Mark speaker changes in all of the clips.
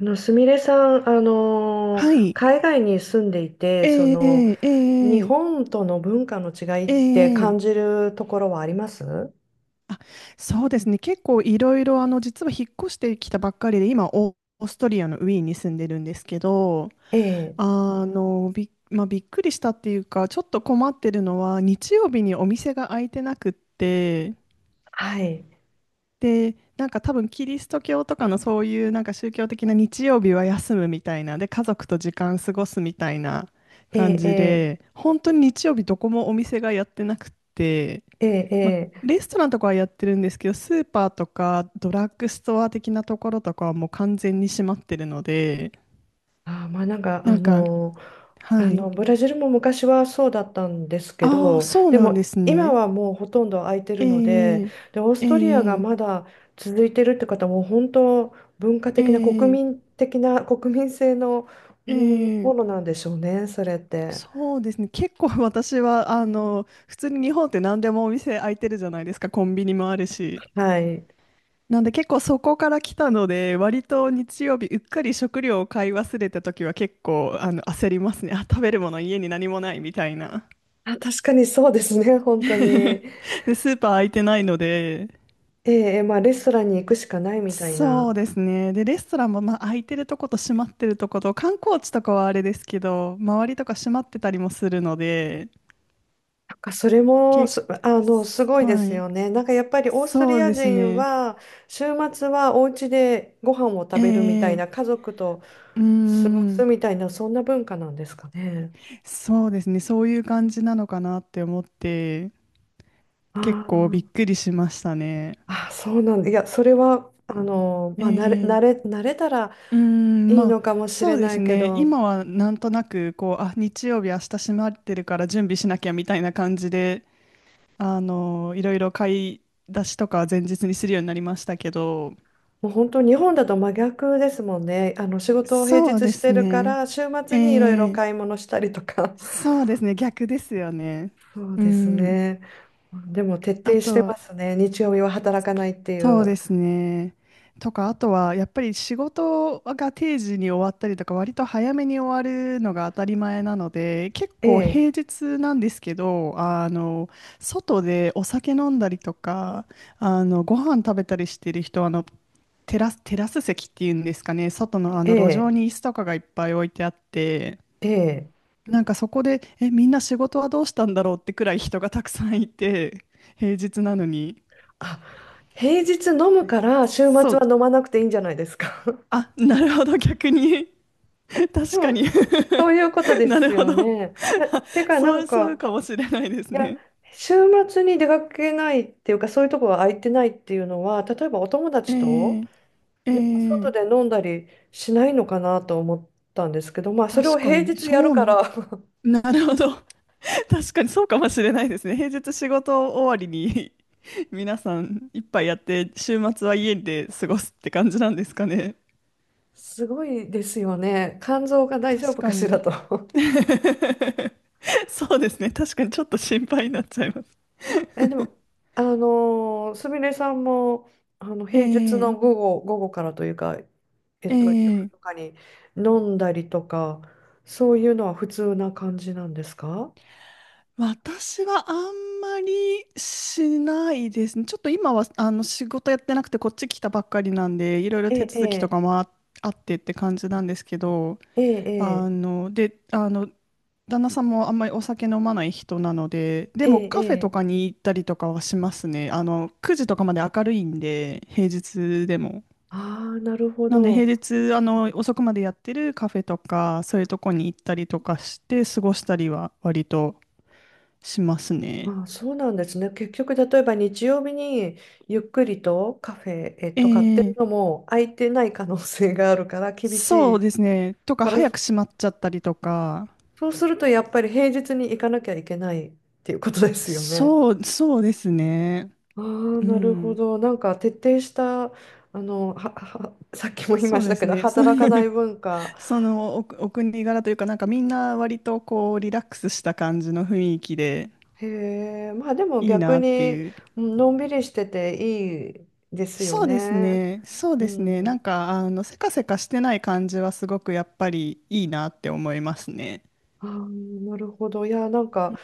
Speaker 1: すみれさん、
Speaker 2: はい。
Speaker 1: 海外に住んでいて、
Speaker 2: ええ
Speaker 1: 日
Speaker 2: ええ
Speaker 1: 本との文化の違いっ
Speaker 2: え
Speaker 1: て
Speaker 2: ええ
Speaker 1: 感
Speaker 2: え
Speaker 1: じるところはあります？
Speaker 2: あ、そうですね。結構いろいろ、実は引っ越してきたばっかりで、今、オーストリアのウィーンに住んでるんですけど、
Speaker 1: ええ、
Speaker 2: あの、び、まあ、びっくりしたっていうか、ちょっと困ってるのは、日曜日にお店が開いてなくって、
Speaker 1: はい。
Speaker 2: で、なんか多分キリスト教とかのそういうなんか宗教的な日曜日は休むみたいな、で、家族と時間過ごすみたいな
Speaker 1: え
Speaker 2: 感じ
Speaker 1: え、
Speaker 2: で、本当に日曜日どこもお店がやってなくって、
Speaker 1: ええ、え
Speaker 2: ま、
Speaker 1: え、え、
Speaker 2: レストランとかはやってるんですけど、スーパーとかドラッグストア的なところとかはもう完全に閉まってるので、
Speaker 1: あー、まあなんか
Speaker 2: な
Speaker 1: あ
Speaker 2: んか、
Speaker 1: の
Speaker 2: は
Speaker 1: あ
Speaker 2: い。
Speaker 1: のブラジルも昔はそうだったんですけ
Speaker 2: ああ、
Speaker 1: ど、
Speaker 2: そう
Speaker 1: で
Speaker 2: なんで
Speaker 1: も
Speaker 2: す
Speaker 1: 今
Speaker 2: ね。
Speaker 1: はもうほとんど空いてるので、
Speaker 2: え
Speaker 1: で、オース
Speaker 2: え
Speaker 1: トリアがま
Speaker 2: ええ
Speaker 1: だ続いてるって方も本当、文化
Speaker 2: え
Speaker 1: 的な、国
Speaker 2: え
Speaker 1: 民的な、国民性のも
Speaker 2: え
Speaker 1: もの
Speaker 2: え
Speaker 1: なんでしょうね、それって。
Speaker 2: そうですね。結構私は、普通に日本って何でもお店開いてるじゃないですか。コンビニもあるし。
Speaker 1: はい、
Speaker 2: なんで結構そこから来たので、割と日曜日うっかり食料を買い忘れた時は結構焦りますね。あ、食べるもの家に何もないみたいな。
Speaker 1: あ、確かにそうですね、本当に。え
Speaker 2: で、スーパー空いてないので、
Speaker 1: え、まあ、レストランに行くしかないみたい
Speaker 2: そ
Speaker 1: な。
Speaker 2: うですね。で、レストランもまあ空いてるとこと閉まってるとこと、観光地とかはあれですけど、周りとか閉まってたりもするので、
Speaker 1: なんかそれも
Speaker 2: 結
Speaker 1: す、あの、すごいで
Speaker 2: は
Speaker 1: す
Speaker 2: い。
Speaker 1: よね。なんかやっぱりオースト
Speaker 2: そ
Speaker 1: リ
Speaker 2: う
Speaker 1: ア
Speaker 2: です
Speaker 1: 人
Speaker 2: ね。
Speaker 1: は週末はお家でご飯を食
Speaker 2: え
Speaker 1: べるみたいな、
Speaker 2: え
Speaker 1: 家族と
Speaker 2: うー
Speaker 1: 過ごす
Speaker 2: ん。
Speaker 1: みたいな、そんな文化なんですかね。
Speaker 2: そうですね、そういう感じなのかなって思って、
Speaker 1: あ
Speaker 2: 結構び
Speaker 1: ー、
Speaker 2: っくりしましたね。
Speaker 1: あ、そうなんだ。いや、それは
Speaker 2: え
Speaker 1: まあ、
Speaker 2: ー、
Speaker 1: 慣れたら
Speaker 2: うーん、
Speaker 1: いいのかもし
Speaker 2: そ
Speaker 1: れ
Speaker 2: うで
Speaker 1: な
Speaker 2: す
Speaker 1: いけ
Speaker 2: ね、
Speaker 1: ど、
Speaker 2: 今はなんとなく、こう、あ、日曜日、明日閉まってるから準備しなきゃみたいな感じで、いろいろ買い出しとかは前日にするようになりましたけど、
Speaker 1: もう本当、日本だと真逆ですもんね。あの、仕事を平
Speaker 2: そう
Speaker 1: 日
Speaker 2: で
Speaker 1: し
Speaker 2: す
Speaker 1: てるか
Speaker 2: ね、
Speaker 1: ら、週末
Speaker 2: え
Speaker 1: にいろいろ
Speaker 2: ー、
Speaker 1: 買い物したりとか。
Speaker 2: そうですね、逆ですよね。
Speaker 1: そう
Speaker 2: う
Speaker 1: です
Speaker 2: ん、
Speaker 1: ね。でも徹
Speaker 2: あ
Speaker 1: 底し
Speaker 2: と
Speaker 1: て
Speaker 2: は
Speaker 1: ますね。日曜日は働かないってい
Speaker 2: そう
Speaker 1: う。
Speaker 2: ですね。とか、あとはやっぱり仕事が定時に終わったりとか、割と早めに終わるのが当たり前なので、結
Speaker 1: え
Speaker 2: 構
Speaker 1: え、
Speaker 2: 平日なんですけど、外でお酒飲んだりとか、ご飯食べたりしてる人は、テラス席っていうんですかね、外のあ
Speaker 1: え
Speaker 2: の路上
Speaker 1: え、
Speaker 2: に椅子とかがいっぱい置いてあって、
Speaker 1: ええ。
Speaker 2: なんかそこで、みんな仕事はどうしたんだろうってくらい人がたくさんいて、平日なのに。
Speaker 1: あ、平日飲むから週末
Speaker 2: そう、
Speaker 1: は飲まなくていいんじゃないですか？
Speaker 2: あ、なるほど、逆に。
Speaker 1: で
Speaker 2: 確かに
Speaker 1: も、そういうこと で
Speaker 2: なる
Speaker 1: す
Speaker 2: ほ
Speaker 1: よ
Speaker 2: ど。
Speaker 1: ね。いや、てかな
Speaker 2: そ
Speaker 1: ん
Speaker 2: う、そう
Speaker 1: か、
Speaker 2: かもしれないです
Speaker 1: いや、
Speaker 2: ね。
Speaker 1: 週末に出かけないっていうか、そういうとこが空いてないっていうのは、例えばお友
Speaker 2: え
Speaker 1: 達と
Speaker 2: ー、え
Speaker 1: なんか外
Speaker 2: ー、
Speaker 1: で飲んだりしないのかなと思ったんですけど、まあ、それ
Speaker 2: 確
Speaker 1: を
Speaker 2: か
Speaker 1: 平
Speaker 2: に、
Speaker 1: 日やる
Speaker 2: そ
Speaker 1: か
Speaker 2: う、
Speaker 1: ら。
Speaker 2: なるほど。確かにそうかもしれないですね。平日仕事終わりに 皆さん一杯やって、週末は家で過ごすって感じなんですかね。
Speaker 1: すごいですよね。肝臓が大丈
Speaker 2: 確
Speaker 1: 夫か
Speaker 2: か
Speaker 1: しら
Speaker 2: に。
Speaker 1: と。
Speaker 2: そうですね。確かにちょっと心配になっちゃいます。
Speaker 1: え、でも、あのすみれさんも、あの、
Speaker 2: え
Speaker 1: 平日
Speaker 2: ー、
Speaker 1: の午後、午後からというか、
Speaker 2: え
Speaker 1: 夜と
Speaker 2: ー
Speaker 1: かに飲んだりとか、そういうのは普通な感じなんですか？
Speaker 2: 私はあんまりしないですね。ちょっと今は仕事やってなくてこっち来たばっかりなんで、いろいろ
Speaker 1: え
Speaker 2: 手続きと
Speaker 1: え、
Speaker 2: かもあってって感じなんですけど、
Speaker 1: ええ、え
Speaker 2: あ
Speaker 1: え、
Speaker 2: の、で、あの、旦那さんもあんまりお酒飲まない人なので、で
Speaker 1: え
Speaker 2: も
Speaker 1: え、え
Speaker 2: カフェと
Speaker 1: え。
Speaker 2: かに行ったりとかはしますね。9時とかまで明るいんで、平日でも。
Speaker 1: ああ、なるほ
Speaker 2: なんで平
Speaker 1: ど。
Speaker 2: 日、遅くまでやってるカフェとか、そういうとこに行ったりとかして過ごしたりは割としますね。
Speaker 1: ああ、そうなんですね。結局、例えば日曜日にゆっくりとカフェ、
Speaker 2: え
Speaker 1: 買ってる
Speaker 2: ー、
Speaker 1: のも空いてない可能性があるから厳し
Speaker 2: そう
Speaker 1: い。
Speaker 2: ですね。とか、
Speaker 1: から、
Speaker 2: 早く閉まっちゃったりとか、
Speaker 1: そうするとやっぱり平日に行かなきゃいけないっていうことですよね。
Speaker 2: そう、そうですね。
Speaker 1: ああ、
Speaker 2: う
Speaker 1: なるほ
Speaker 2: ん。
Speaker 1: ど。なんか徹底した、あの、さっきも言いま
Speaker 2: そう
Speaker 1: し
Speaker 2: で
Speaker 1: たけ
Speaker 2: す
Speaker 1: ど、
Speaker 2: ね。
Speaker 1: 働かない 文化。
Speaker 2: そのお、お国柄というか、なんかみんな割とこう、リラックスした感じの雰囲気で
Speaker 1: へえ、まあでも
Speaker 2: いい
Speaker 1: 逆
Speaker 2: なって
Speaker 1: に、
Speaker 2: いう。
Speaker 1: うん、のんびりしてていいですよ
Speaker 2: そうです
Speaker 1: ね。
Speaker 2: ね。そう
Speaker 1: う
Speaker 2: ですね。なん
Speaker 1: ん。
Speaker 2: か、せかせかしてない感じはすごくやっぱりいいなって思いますね。
Speaker 1: ああ、なるほど。いや、なんか、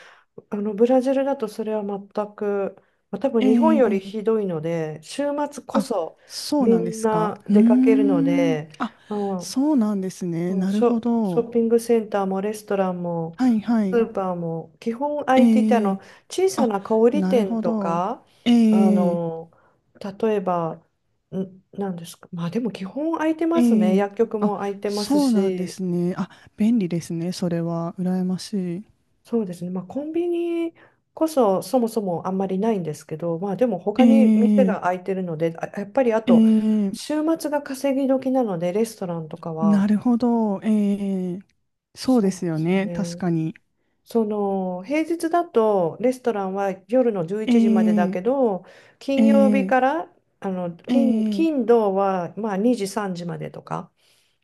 Speaker 1: あの、ブラジルだとそれは全く、まあ、多分日本より
Speaker 2: え
Speaker 1: ひ
Speaker 2: え
Speaker 1: どいので、週末こ
Speaker 2: あ、
Speaker 1: そ
Speaker 2: そう
Speaker 1: み
Speaker 2: なんで
Speaker 1: ん
Speaker 2: すか。
Speaker 1: な
Speaker 2: うー
Speaker 1: 出かけるの
Speaker 2: ん。
Speaker 1: で、
Speaker 2: あ、
Speaker 1: まあ、
Speaker 2: そうなんですね。
Speaker 1: そう、
Speaker 2: なるほ
Speaker 1: ショ
Speaker 2: ど。
Speaker 1: ッピングセンターもレストランも
Speaker 2: はいは
Speaker 1: ス
Speaker 2: い。
Speaker 1: ーパーも基本空いていて、あ
Speaker 2: え
Speaker 1: の、
Speaker 2: え
Speaker 1: 小さ
Speaker 2: あ、
Speaker 1: な小売
Speaker 2: なる
Speaker 1: 店
Speaker 2: ほ
Speaker 1: と
Speaker 2: ど。
Speaker 1: か、あ
Speaker 2: ええ
Speaker 1: の、例えば、んなんですか、まあでも基本空いてますね。
Speaker 2: ええ
Speaker 1: 薬局
Speaker 2: あ、
Speaker 1: も空いてます
Speaker 2: そうなんで
Speaker 1: し、
Speaker 2: すね。あ、便利ですね。それは。羨ましい。
Speaker 1: そうですね、まあ、コンビニこそそもそもあんまりないんですけど、まあでも他に店
Speaker 2: ええ
Speaker 1: が空いてるので、あ、やっぱり、あと
Speaker 2: え
Speaker 1: 週
Speaker 2: え
Speaker 1: 末が稼ぎ時なのでレストランとか
Speaker 2: な
Speaker 1: は、
Speaker 2: るほど。ええそう
Speaker 1: そ
Speaker 2: で
Speaker 1: う
Speaker 2: す
Speaker 1: で
Speaker 2: よ
Speaker 1: す
Speaker 2: ね。確
Speaker 1: ね、
Speaker 2: かに。
Speaker 1: その、平日だとレストランは夜の11時までだ
Speaker 2: え
Speaker 1: けど、
Speaker 2: え
Speaker 1: 金曜日か
Speaker 2: ええ
Speaker 1: ら、あの、
Speaker 2: え
Speaker 1: 金
Speaker 2: え
Speaker 1: 土はまあ2時3時までとか、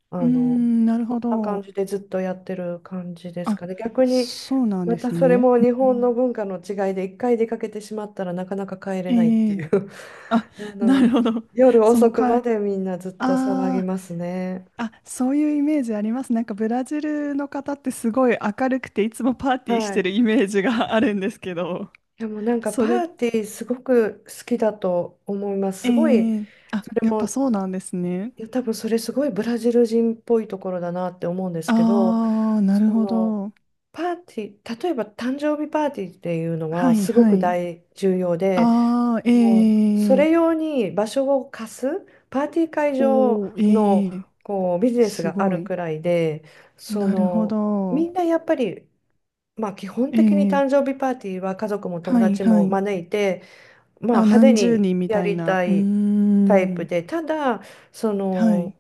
Speaker 1: あ
Speaker 2: うー
Speaker 1: の、
Speaker 2: ん、なる
Speaker 1: そん
Speaker 2: ほ
Speaker 1: な感
Speaker 2: ど。
Speaker 1: じでずっとやってる感じです
Speaker 2: あ、
Speaker 1: かね、逆に。
Speaker 2: そうなん
Speaker 1: ま
Speaker 2: で
Speaker 1: た
Speaker 2: す
Speaker 1: それ
Speaker 2: ね。
Speaker 1: も日
Speaker 2: う
Speaker 1: 本の
Speaker 2: ん
Speaker 1: 文化の違いで、一回出かけてしまったらなかなか帰れないっ
Speaker 2: え
Speaker 1: てい
Speaker 2: え
Speaker 1: う。
Speaker 2: あ、
Speaker 1: あ
Speaker 2: なる
Speaker 1: の、
Speaker 2: ほど。
Speaker 1: 夜
Speaker 2: そ
Speaker 1: 遅
Speaker 2: の
Speaker 1: く
Speaker 2: か、
Speaker 1: までみんなずっと騒ぎ
Speaker 2: あー
Speaker 1: ますね。
Speaker 2: あ、そういうイメージあります。なんかブラジルの方ってすごい明るくていつもパーティーし
Speaker 1: は
Speaker 2: てる
Speaker 1: い。
Speaker 2: イメージがあるんですけど、
Speaker 1: でもなんか
Speaker 2: それ、
Speaker 1: パーティーすごく好きだと思います。
Speaker 2: え
Speaker 1: すごい、
Speaker 2: えあ、
Speaker 1: それ
Speaker 2: やっぱ
Speaker 1: も、
Speaker 2: そうなんですね。
Speaker 1: いや、多分それすごいブラジル人っぽいところだなって思うんですけど、
Speaker 2: ああ、なる
Speaker 1: そ
Speaker 2: ほ
Speaker 1: の、
Speaker 2: ど。
Speaker 1: パーティー、例えば誕生日パーティーっていうの
Speaker 2: は
Speaker 1: は
Speaker 2: い
Speaker 1: すご
Speaker 2: は
Speaker 1: く
Speaker 2: い。
Speaker 1: 大重要で、
Speaker 2: ああ、
Speaker 1: もうそ
Speaker 2: え
Speaker 1: れ
Speaker 2: え
Speaker 1: 用に場所を貸すパーティー会場
Speaker 2: おお
Speaker 1: の
Speaker 2: ー、ええ
Speaker 1: こうビジネス
Speaker 2: す
Speaker 1: があ
Speaker 2: ご
Speaker 1: る
Speaker 2: い。
Speaker 1: くらいで、そ
Speaker 2: なるほ
Speaker 1: の、
Speaker 2: ど。
Speaker 1: みんなやっぱり、まあ、基本
Speaker 2: え
Speaker 1: 的に
Speaker 2: え
Speaker 1: 誕生日パーティーは家族も友
Speaker 2: はい
Speaker 1: 達
Speaker 2: は
Speaker 1: も
Speaker 2: い。
Speaker 1: 招いて、まあ、
Speaker 2: あ、
Speaker 1: 派手
Speaker 2: 何十
Speaker 1: に
Speaker 2: 人み
Speaker 1: や
Speaker 2: たい
Speaker 1: り
Speaker 2: な。
Speaker 1: た
Speaker 2: うー
Speaker 1: いタイプ
Speaker 2: ん。
Speaker 1: で、ただ、そ
Speaker 2: は
Speaker 1: の。
Speaker 2: い。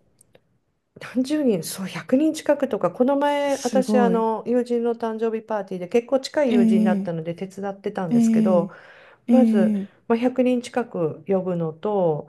Speaker 1: 何十人、そう、100人近くとか。この前、
Speaker 2: す
Speaker 1: 私、あ
Speaker 2: ごい。
Speaker 1: の、友人の誕生日パーティーで結構近い
Speaker 2: え
Speaker 1: 友人だった
Speaker 2: え
Speaker 1: ので手伝ってたん
Speaker 2: え
Speaker 1: ですけ
Speaker 2: え
Speaker 1: ど、
Speaker 2: え
Speaker 1: まず、
Speaker 2: え
Speaker 1: まあ、100人近く呼ぶのと、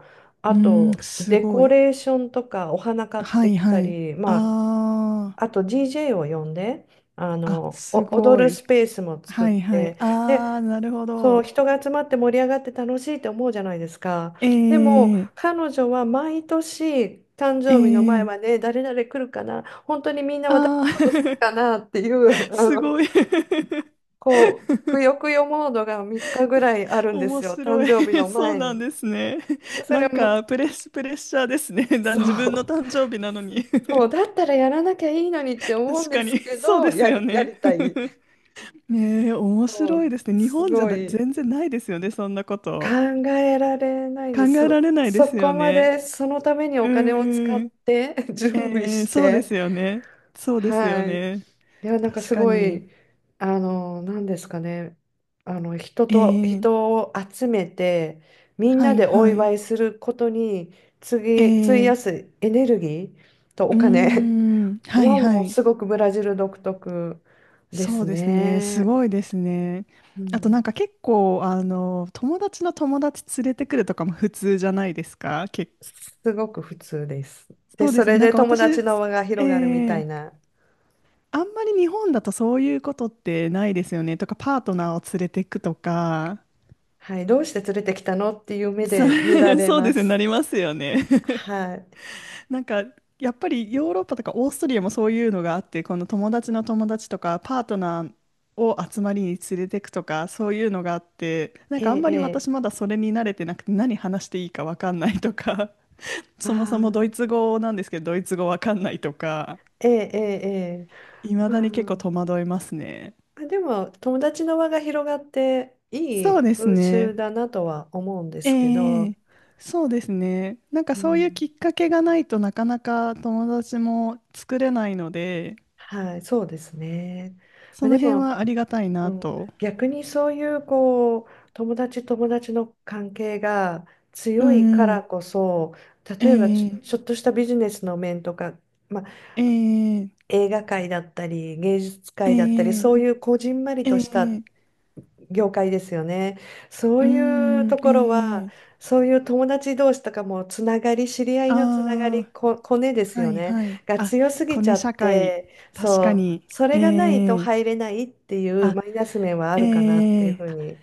Speaker 2: う
Speaker 1: あ
Speaker 2: ーん、
Speaker 1: と、
Speaker 2: す
Speaker 1: デ
Speaker 2: ご
Speaker 1: コ
Speaker 2: い。
Speaker 1: レーションとか、お花買っ
Speaker 2: は
Speaker 1: て
Speaker 2: い
Speaker 1: き
Speaker 2: は
Speaker 1: た
Speaker 2: い。
Speaker 1: り、まあ、
Speaker 2: あ
Speaker 1: あと DJ を呼んで、あ
Speaker 2: あ、あ、
Speaker 1: の、お
Speaker 2: す
Speaker 1: 踊
Speaker 2: ご
Speaker 1: るス
Speaker 2: い。
Speaker 1: ペースも作っ
Speaker 2: はいはい。
Speaker 1: て、で、
Speaker 2: ああ、なるほ
Speaker 1: そう、
Speaker 2: ど。
Speaker 1: 人が集まって盛り上がって楽しいって思うじゃないですか。でも
Speaker 2: ええ
Speaker 1: 彼女は毎年誕生日の前
Speaker 2: え
Speaker 1: ま
Speaker 2: え
Speaker 1: で、誰々来るかな、本当にみんな私
Speaker 2: ああ
Speaker 1: のこと好き
Speaker 2: ー、
Speaker 1: かなっていう、 あ
Speaker 2: す
Speaker 1: の、
Speaker 2: ごい。
Speaker 1: こう、くよくよモードが3日ぐらいあるんで
Speaker 2: 面
Speaker 1: すよ、誕
Speaker 2: 白い。
Speaker 1: 生日 の
Speaker 2: そう
Speaker 1: 前
Speaker 2: なん
Speaker 1: に。
Speaker 2: ですね。
Speaker 1: で、そ
Speaker 2: な
Speaker 1: れ
Speaker 2: ん
Speaker 1: も、
Speaker 2: か、プレッシャーですね。だ
Speaker 1: そ
Speaker 2: 自分の
Speaker 1: う、
Speaker 2: 誕生日なのに。
Speaker 1: そうだったらやらなきゃいいのにって思うん
Speaker 2: 確
Speaker 1: で
Speaker 2: か
Speaker 1: す
Speaker 2: に、
Speaker 1: け
Speaker 2: そう
Speaker 1: ど、
Speaker 2: ですよ
Speaker 1: や
Speaker 2: ね。
Speaker 1: りたい。
Speaker 2: ねえ、面白いですね。日
Speaker 1: す
Speaker 2: 本じゃ
Speaker 1: ご
Speaker 2: な
Speaker 1: い
Speaker 2: 全然ないですよね、そんなこ
Speaker 1: 考
Speaker 2: と。
Speaker 1: えられない
Speaker 2: 考
Speaker 1: です。
Speaker 2: えられないで
Speaker 1: そ
Speaker 2: す
Speaker 1: こ
Speaker 2: よ
Speaker 1: ま
Speaker 2: ね。
Speaker 1: でそのために
Speaker 2: う
Speaker 1: お金を使っ
Speaker 2: ーん。
Speaker 1: て 準備
Speaker 2: えー、
Speaker 1: し
Speaker 2: そうで
Speaker 1: て、
Speaker 2: すよね。そうですよ
Speaker 1: はい。
Speaker 2: ね。
Speaker 1: いや、なんか
Speaker 2: 確
Speaker 1: す
Speaker 2: か
Speaker 1: ご
Speaker 2: に。
Speaker 1: い、あの、なんですかね、あの、人
Speaker 2: え
Speaker 1: と、
Speaker 2: ー、
Speaker 1: 人を集めて、みん
Speaker 2: は
Speaker 1: な
Speaker 2: い
Speaker 1: でお
Speaker 2: はい。
Speaker 1: 祝いすることに、
Speaker 2: え
Speaker 1: 次、費
Speaker 2: ー、
Speaker 1: やすエネルギーと
Speaker 2: う
Speaker 1: お
Speaker 2: ー
Speaker 1: 金
Speaker 2: ん、はい
Speaker 1: は
Speaker 2: は
Speaker 1: もう
Speaker 2: い。
Speaker 1: すごくブラジル独特で
Speaker 2: そ
Speaker 1: す
Speaker 2: うですね。す
Speaker 1: ね。
Speaker 2: ごいですね。
Speaker 1: う
Speaker 2: あとなん
Speaker 1: ん、
Speaker 2: か結構、友達の友達連れてくるとかも普通じゃないですか。
Speaker 1: すごく普通です。で、
Speaker 2: そうで
Speaker 1: そ
Speaker 2: すね。
Speaker 1: れ
Speaker 2: なん
Speaker 1: で
Speaker 2: か
Speaker 1: 友
Speaker 2: 私、
Speaker 1: 達
Speaker 2: え
Speaker 1: の輪が広がるみたい
Speaker 2: ー
Speaker 1: な。
Speaker 2: あんまり日本だとそういうことってないですよね。とか、パートナーを連れてくとか、
Speaker 1: はい、どうして連れてきたのっていう目
Speaker 2: そ
Speaker 1: で見ら れ
Speaker 2: そう
Speaker 1: ま
Speaker 2: ですよ、な
Speaker 1: す。
Speaker 2: りますよね。
Speaker 1: はい。
Speaker 2: なんか、やっぱりヨーロッパとかオーストリアもそういうのがあって、この友達の友達とか、パートナーを集まりに連れてくとか、そういうのがあって、なん
Speaker 1: え
Speaker 2: かあん
Speaker 1: え、
Speaker 2: ま
Speaker 1: え
Speaker 2: り
Speaker 1: え、
Speaker 2: 私まだそれに慣れてなくて、何話していいかわかんないとか、
Speaker 1: あ
Speaker 2: そもそもドイ
Speaker 1: あ、
Speaker 2: ツ語なんですけど、ドイツ語わかんないとか、
Speaker 1: ええ、ええ、ええ、
Speaker 2: いま
Speaker 1: ま
Speaker 2: だ
Speaker 1: あ、
Speaker 2: に結構
Speaker 1: ま
Speaker 2: 戸惑いますね。
Speaker 1: あでも友達の輪が広がってい
Speaker 2: そう
Speaker 1: い
Speaker 2: です
Speaker 1: 風
Speaker 2: ね。
Speaker 1: 習だなとは思うんですけ
Speaker 2: え
Speaker 1: ど、
Speaker 2: え、そうですね。なんか
Speaker 1: う
Speaker 2: そういうき
Speaker 1: ん、
Speaker 2: っかけがないとなかなか友達も作れないので、
Speaker 1: はい、そうですね。ま
Speaker 2: そ
Speaker 1: あ、
Speaker 2: の
Speaker 1: で
Speaker 2: 辺
Speaker 1: も、
Speaker 2: はありがたい
Speaker 1: う
Speaker 2: な
Speaker 1: ん、
Speaker 2: と。
Speaker 1: 逆にそういう、こう、友達の関係が
Speaker 2: う
Speaker 1: 強いか
Speaker 2: んうん。
Speaker 1: らこそ、
Speaker 2: え
Speaker 1: 例えば、ち
Speaker 2: え、
Speaker 1: ょっとしたビジネスの面とか、まあ、
Speaker 2: ええ、
Speaker 1: 映画界だったり芸術界だったり、
Speaker 2: ええ、
Speaker 1: そういうこじんまり
Speaker 2: え
Speaker 1: とした
Speaker 2: え、
Speaker 1: 業界ですよね。そ
Speaker 2: う
Speaker 1: ういう
Speaker 2: ん、
Speaker 1: ところ
Speaker 2: え
Speaker 1: は、
Speaker 2: え、
Speaker 1: そういう友達同士とかもつながり、知り合いのつながり、
Speaker 2: あ
Speaker 1: コネで
Speaker 2: あ、
Speaker 1: す
Speaker 2: は
Speaker 1: よ
Speaker 2: い
Speaker 1: ね。
Speaker 2: はい。
Speaker 1: が
Speaker 2: あ、
Speaker 1: 強すぎ
Speaker 2: コ
Speaker 1: ちゃ
Speaker 2: ネ
Speaker 1: っ
Speaker 2: 社会、
Speaker 1: て、
Speaker 2: 確か
Speaker 1: そう、
Speaker 2: に。
Speaker 1: それがないと
Speaker 2: ええ、
Speaker 1: 入れないっていう
Speaker 2: あ、
Speaker 1: マイナス面はあるかなって
Speaker 2: え
Speaker 1: いうふ
Speaker 2: え
Speaker 1: うに。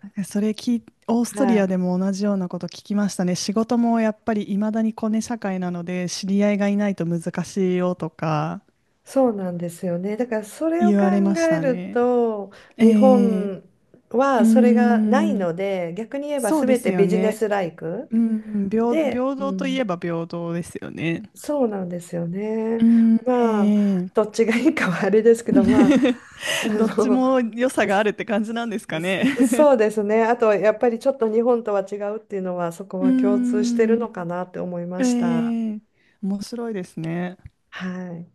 Speaker 2: なんかそれ聞い、オーストリ
Speaker 1: は
Speaker 2: ア
Speaker 1: い。
Speaker 2: でも同じようなこと聞きましたね。仕事もやっぱり未だにコネ社会なので、知り合いがいないと難しいよとか
Speaker 1: そうなんですよね。だからそれを
Speaker 2: 言
Speaker 1: 考
Speaker 2: われまし
Speaker 1: え
Speaker 2: た
Speaker 1: る
Speaker 2: ね。
Speaker 1: と、
Speaker 2: え
Speaker 1: 日
Speaker 2: えう
Speaker 1: 本
Speaker 2: ー
Speaker 1: はそれがない
Speaker 2: ん、
Speaker 1: ので、逆に言えば
Speaker 2: そうで
Speaker 1: 全
Speaker 2: す
Speaker 1: て
Speaker 2: よ
Speaker 1: ビジネ
Speaker 2: ね。
Speaker 1: スライク
Speaker 2: うん、平、
Speaker 1: で、
Speaker 2: 平
Speaker 1: う
Speaker 2: 等といえ
Speaker 1: ん、
Speaker 2: ば平等ですよね。
Speaker 1: そうなんですよ
Speaker 2: う
Speaker 1: ね。
Speaker 2: ん、え
Speaker 1: まあ、
Speaker 2: え
Speaker 1: どっちがいいかはあれですけど、まあ、あ
Speaker 2: どっち
Speaker 1: の、
Speaker 2: も良さ があるって感じなんですか
Speaker 1: そ
Speaker 2: ね。
Speaker 1: そうですね。あと、やっぱりちょっと日本とは違うっていうのは、そこ
Speaker 2: うー
Speaker 1: は共通してる
Speaker 2: ん、
Speaker 1: のかなって思いま
Speaker 2: え
Speaker 1: した。
Speaker 2: え面白いですね。
Speaker 1: はい。